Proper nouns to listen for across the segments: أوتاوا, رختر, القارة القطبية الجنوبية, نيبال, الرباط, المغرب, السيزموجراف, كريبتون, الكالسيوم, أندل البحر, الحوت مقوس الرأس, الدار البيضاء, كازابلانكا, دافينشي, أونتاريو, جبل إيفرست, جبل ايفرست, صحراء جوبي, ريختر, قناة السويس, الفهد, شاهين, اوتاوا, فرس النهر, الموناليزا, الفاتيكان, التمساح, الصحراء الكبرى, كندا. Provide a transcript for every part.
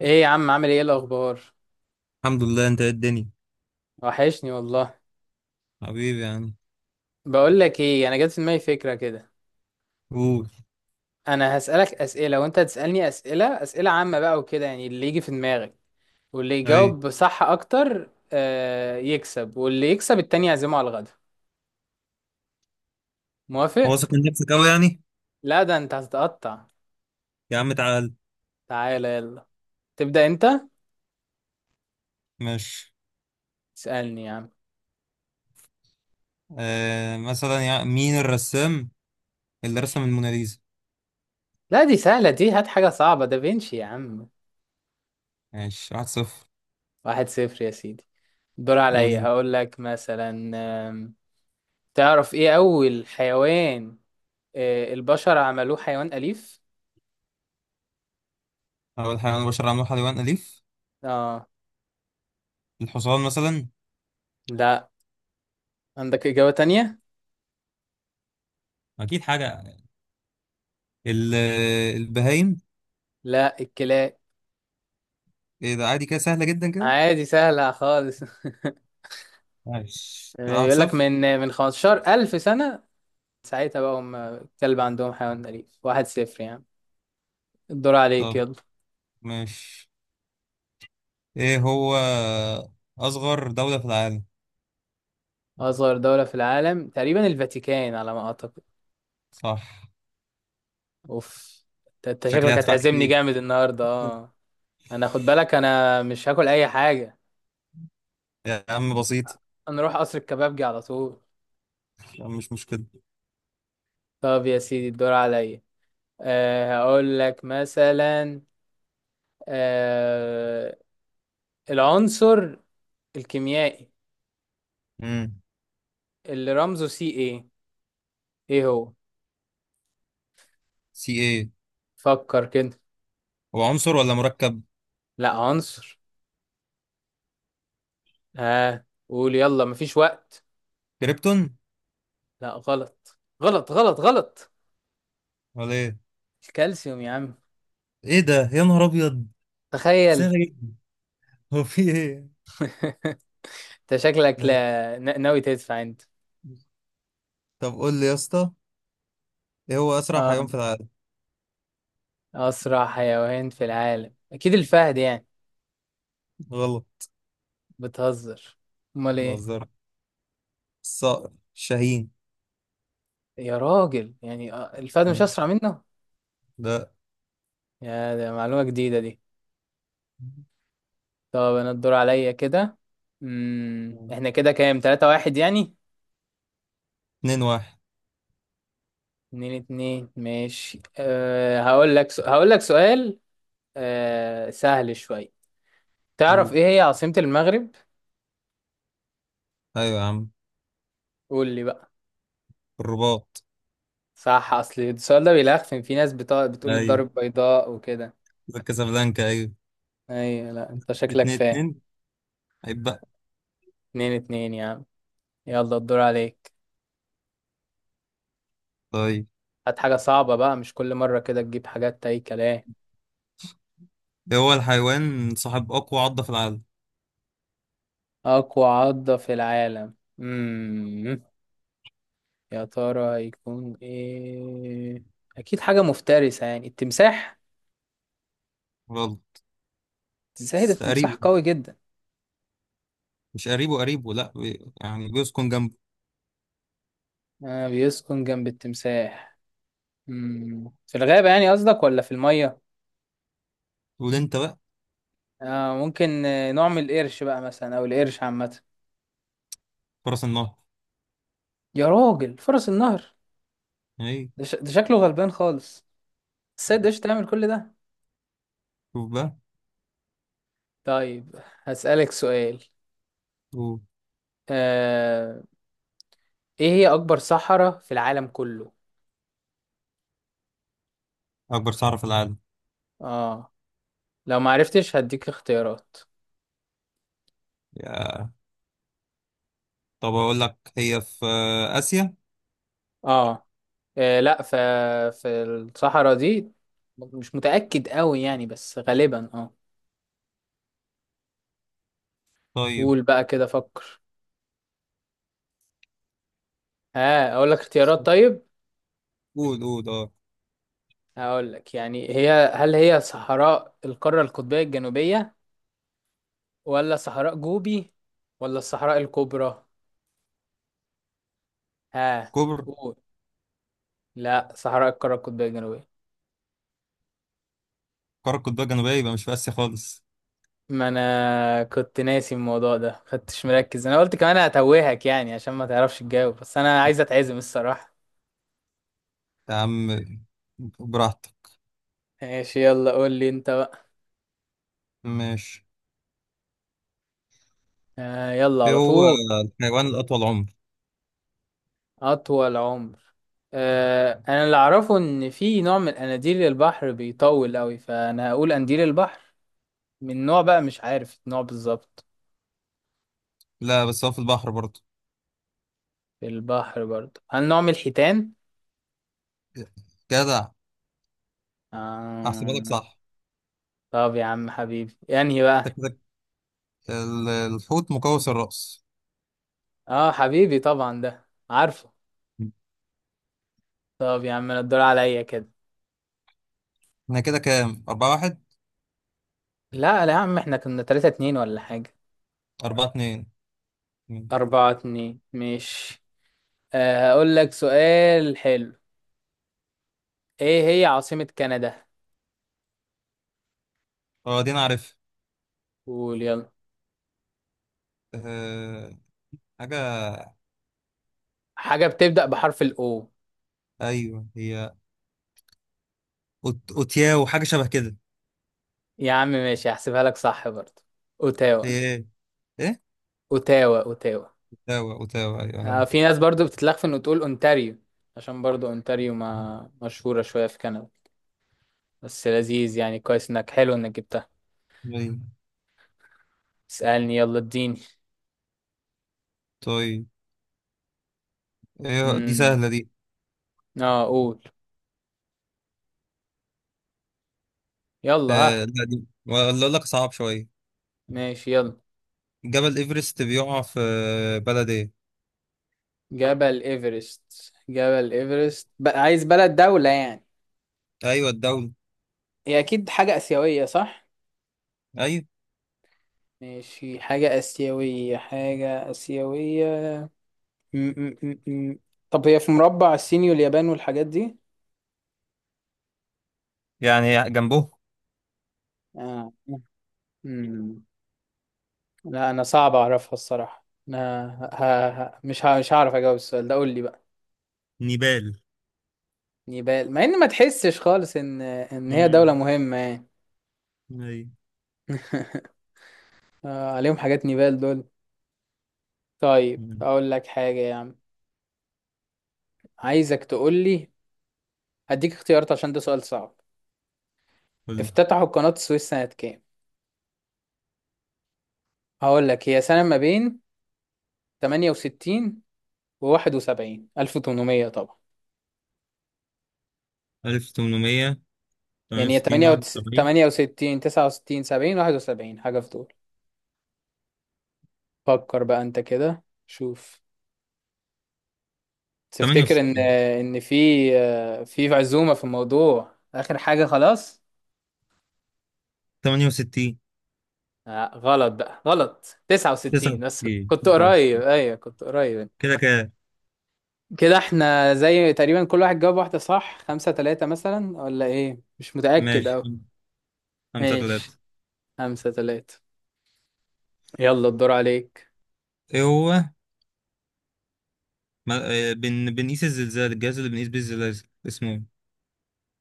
ايه يا عم، عامل ايه؟ الاخبار الحمد لله، انت ايه الدنيا؟ وحشني والله. حبيبي يعني. بقول لك ايه، انا جت في دماغي فكره كده. قول. انا هسالك اسئله وانت هتسالني اسئله، اسئله عامه بقى وكده يعني اللي يجي في دماغك. واللي اي. يجاوب صح اكتر يكسب، واللي يكسب التاني يعزمه على الغدا. موافق؟ واثق من نفسك قوي يعني؟ لا ده انت هتتقطع. يا عم تعال. تعالى يلا. تبدا انت. ماشي. اسالني يا عم. مثلا يعني مين الرسام اللي رسم الموناليزا؟ لا دي سهله، دي هات حاجه صعبه. دافينشي يا عم. ماشي، واحد صفر. واحد صفر يا سيدي. الدور قول عليا، انت. هقول لك مثلا. آم، تعرف ايه اول حيوان البشر عملوه حيوان أليف؟ اول حاجه انا بشر عملوها حيوان اليف؟ اه. الحصان مثلا. لا. عندك إجابة تانية؟ اكيد حاجه يعني. ال- البهايم. لا الكلاب. ايه ده، عادي كده، سهله جدا كده. عادي سهلة خالص. ماشي كده، واحد بيقول لك صفر. من 15,000 سنة، ساعتها بقى هم الكلب عندهم حيوان أليف. واحد صفر يعني. الدور عليك طب يلا. ماشي، ايه هو اصغر دوله في العالم؟ أصغر دولة في العالم تقريبا الفاتيكان، على ما أعتقد. صح. أوف. أنت شكلي شكلك هدفع هتعزمني كتير. جامد النهاردة اه؟ أنا خد بالك، أنا مش هاكل أي حاجة. يا عم بسيط، أنا أروح قصر الكبابجي على طول. يعني مش مشكلة. طب يا سيدي، الدور عليا. هقول لك مثلا. آه العنصر الكيميائي امم اللي رمزه سي ايه، ايه هو؟ سي ايه؟ فكر كده. هو عنصر ولا مركب؟ لا عنصر. ها؟ قول يلا، مفيش وقت. كريبتون؟ لا، غلط غلط غلط غلط. ولا ايه؟ الكالسيوم يا عم. ايه ده يا نهار ابيض! تخيل. سهلة جدا. هو في ايه؟ انت شكلك، ماشي. لا ن- ناوي تدفع انت. طب قول لي يا اسطى، ايه هو اسرع اه حيوان في العالم؟ اسرع حيوان في العالم، اكيد الفهد يعني. غلط. بتهزر. امال ايه؟ بهزر. الصقر شاهين. يا راجل يعني الفهد مش تمام. اسرع منه. لا. يا، ده معلومة جديدة دي. طب انا الدور عليا كده. احنا كده كام، تلاتة واحد يعني؟ اتنين واحد. اتنين اتنين ماشي. هقول لك هقول لك سؤال. سهل شوية. تعرف أوه. ايه هي عاصمة المغرب؟ ايوه يا عم. قول لي بقى. الرباط. صح. اصل السؤال ده بيلخفن، في ناس بتقول الدار ايوه، البيضاء وكده. كازابلانكا، ايوه. ايوه، لا انت شكلك اتنين فاهم. اتنين، عيب بقى. اتنين اتنين يا عم. يلا الدور عليك. طيب، هات حاجة صعبة بقى، مش كل مرة كده تجيب حاجات اي كلام. ايه هو الحيوان صاحب اقوى عضة في العالم؟ اقوى عضة في العالم. امم يا ترى يكون ايه؟ اكيد حاجة مفترسة يعني، التمساح. غلط. ازاي ده التمساح قريب. قوي جدا. مش قريبه قريبه، لا، يعني بيسكن جنبه. آه بيسكن جنب التمساح. في الغابة يعني قصدك ولا في المية؟ تقول انت بقى. آه ممكن نوع من القرش بقى مثلا، او القرش عامة. فرس النهر. يا راجل فرس النهر. اي. ده شكله غلبان خالص. السيد ايش تعمل كل ده. شوف بقى. طيب، هسألك سؤال. شوف. آه ايه هي اكبر صحراء في العالم كله؟ اكبر صحراء في العالم؟ اه لو معرفتش هديك اختيارات. يا طب اقول لك هي في اسيا. اه. آه لا ف... في الصحراء دي، مش متأكد قوي يعني بس غالبا اه. طيب قول بقى كده فكر. ها اقول لك اختيارات طيب. قول قول اه. هقول لك يعني، هي هل هي صحراء القارة القطبية الجنوبية، ولا صحراء جوبي، ولا الصحراء الكبرى؟ ها كبر. قول. لا صحراء القارة القطبية الجنوبية. قارة قطبية جنوبية يبقى مش في اسيا خالص. ما انا كنت ناسي الموضوع ده، خدتش مركز. انا قلت كمان هتوهك يعني عشان ما تعرفش تجاوب، بس انا عايز اتعزم الصراحة. يا عم براحتك. ماشي يلا قول لي انت. ماشي. يلا ايه على هو طول. الحيوان الاطول عمر؟ أطول عمر. أنا اللي أعرفه إن في نوع من أناديل البحر بيطول أوي، فأنا هقول أنديل البحر، من نوع بقى مش عارف النوع بالظبط. لا، بس هو في البحر برضه. في البحر برضه، هل نوع من الحيتان؟ جدع، احسبها لك آه. صح. طب يا عم حبيبي يعني انت بقى. كده. الحوت مقوس الرأس. آه حبيبي طبعا ده عارفه. طب يا عم أنا الدور عليا كده. احنا كده كام، أربعة واحد؟ لا لا يا عم احنا كنا تلاتة اتنين ولا حاجة. أربعة اتنين، ماشي. أربعة اتنين مش. هقول لك سؤال حلو. إيه هي عاصمة كندا؟ اه دي انا عارف. قول يلا. أه، حاجة. حاجة بتبدأ بحرف الأو. ايوه هي اوتياو، حاجة شبه كده. يا عم ماشي، هحسبها لك صح برضه. أوتاوا هي ايه؟ ايه؟ أوتاوا أوتاوا. اوتاوا، اوتاوا، ايوه يعني. في ناس برضه بتتلخفن إنه تقول أونتاريو، عشان برضه أونتاريو ما مشهورة شوية في كندا. بس لذيذ يعني، كويس إنك، حلو إنك جبتها. أيوة. اسألني يلا اديني. طيب، ايه دي امم سهلة دي. اه قول يلا أه ها. لا، دي ولا اقول لك صعب شوية. ماشي يلا. جبل ايفرست بيقع في بلد ايه؟ جبل إيفرست، جبل إيفرست بقى عايز بلد دولة يعني. ايوه، الدولة. هي أكيد حاجة آسيوية صح؟ ايوه، ماشي حاجة آسيوية حاجة آسيوية. م- م- م- م. طب هي في مربع الصيني واليابان والحاجات دي. يعني جنبه. آه. مم. لا انا صعب اعرفها الصراحة انا، مش هعرف اجاوب السؤال ده. قول لي بقى. نيبال. نيبال، مع ان ما تحسش خالص ان هي دولة امم. مهمة يعني. ايوه. عليهم حاجات نيبال دول. طيب مم. اقول لك حاجة يا عم، عايزك تقول لي، هديك اختيارات عشان ده سؤال صعب. قول. افتتحوا قناة السويس سنة كام؟ هقول لك هي سنة ما بين 68 و 71، 1800 طبعا. 1800. يعني هي 68، 71. 68 69 70 71، حاجة في دول. فكر بقى انت كده شوف. تفتكر ان 68، ان في عزومة في الموضوع، اخر حاجة خلاص. 68، آه غلط بقى غلط، 69. بس 69. كنت قريب، 69. ايوه كنت قريب. كده كده. كده احنا زي تقريبا كل واحد جاب واحدة صح، خمسة تلاتة مثلا ولا ايه، مش متأكد ماشي، اوي. خمسة تلاتة. ماشي خمسة تلاتة. يلا الدور عليك. ايه هو بنقيس الزلزال، الجهاز اللي بنقيس بيه الزلازل اسمه ايه؟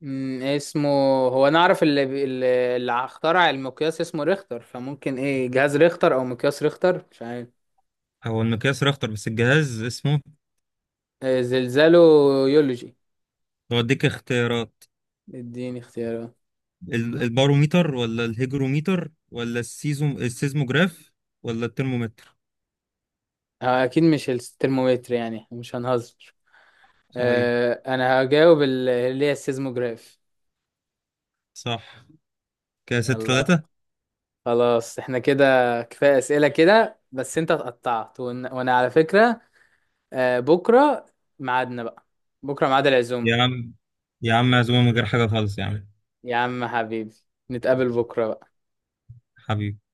اسمه، هو انا اعرف اللي اخترع المقياس اسمه ريختر، فممكن ايه جهاز ريختر او مقياس ريختر، مش عارف. هو المقياس رختر، بس الجهاز اسمه؟ زلزاله يولوجي. بوديك اختيارات. اديني اختيارات. الباروميتر ولا الهيجروميتر ولا السيزموجراف ولا الترمومتر؟ اكيد مش الترمومتر يعني، مش هنهزر. صحيح. انا هجاوب اللي هي السيزموجراف. صح. كده ستة يلا. تلاتة. خلاص احنا كده، كفايه اسئله كده، بس انت اتقطعت وانا على فكره. بكره ميعادنا بقى، بكره ميعاد العزوم. يا عم، يا عم معزومة من غير حاجة خالص يا عم. يا عم حبيبي، نتقابل بكره بقى. حبيبي.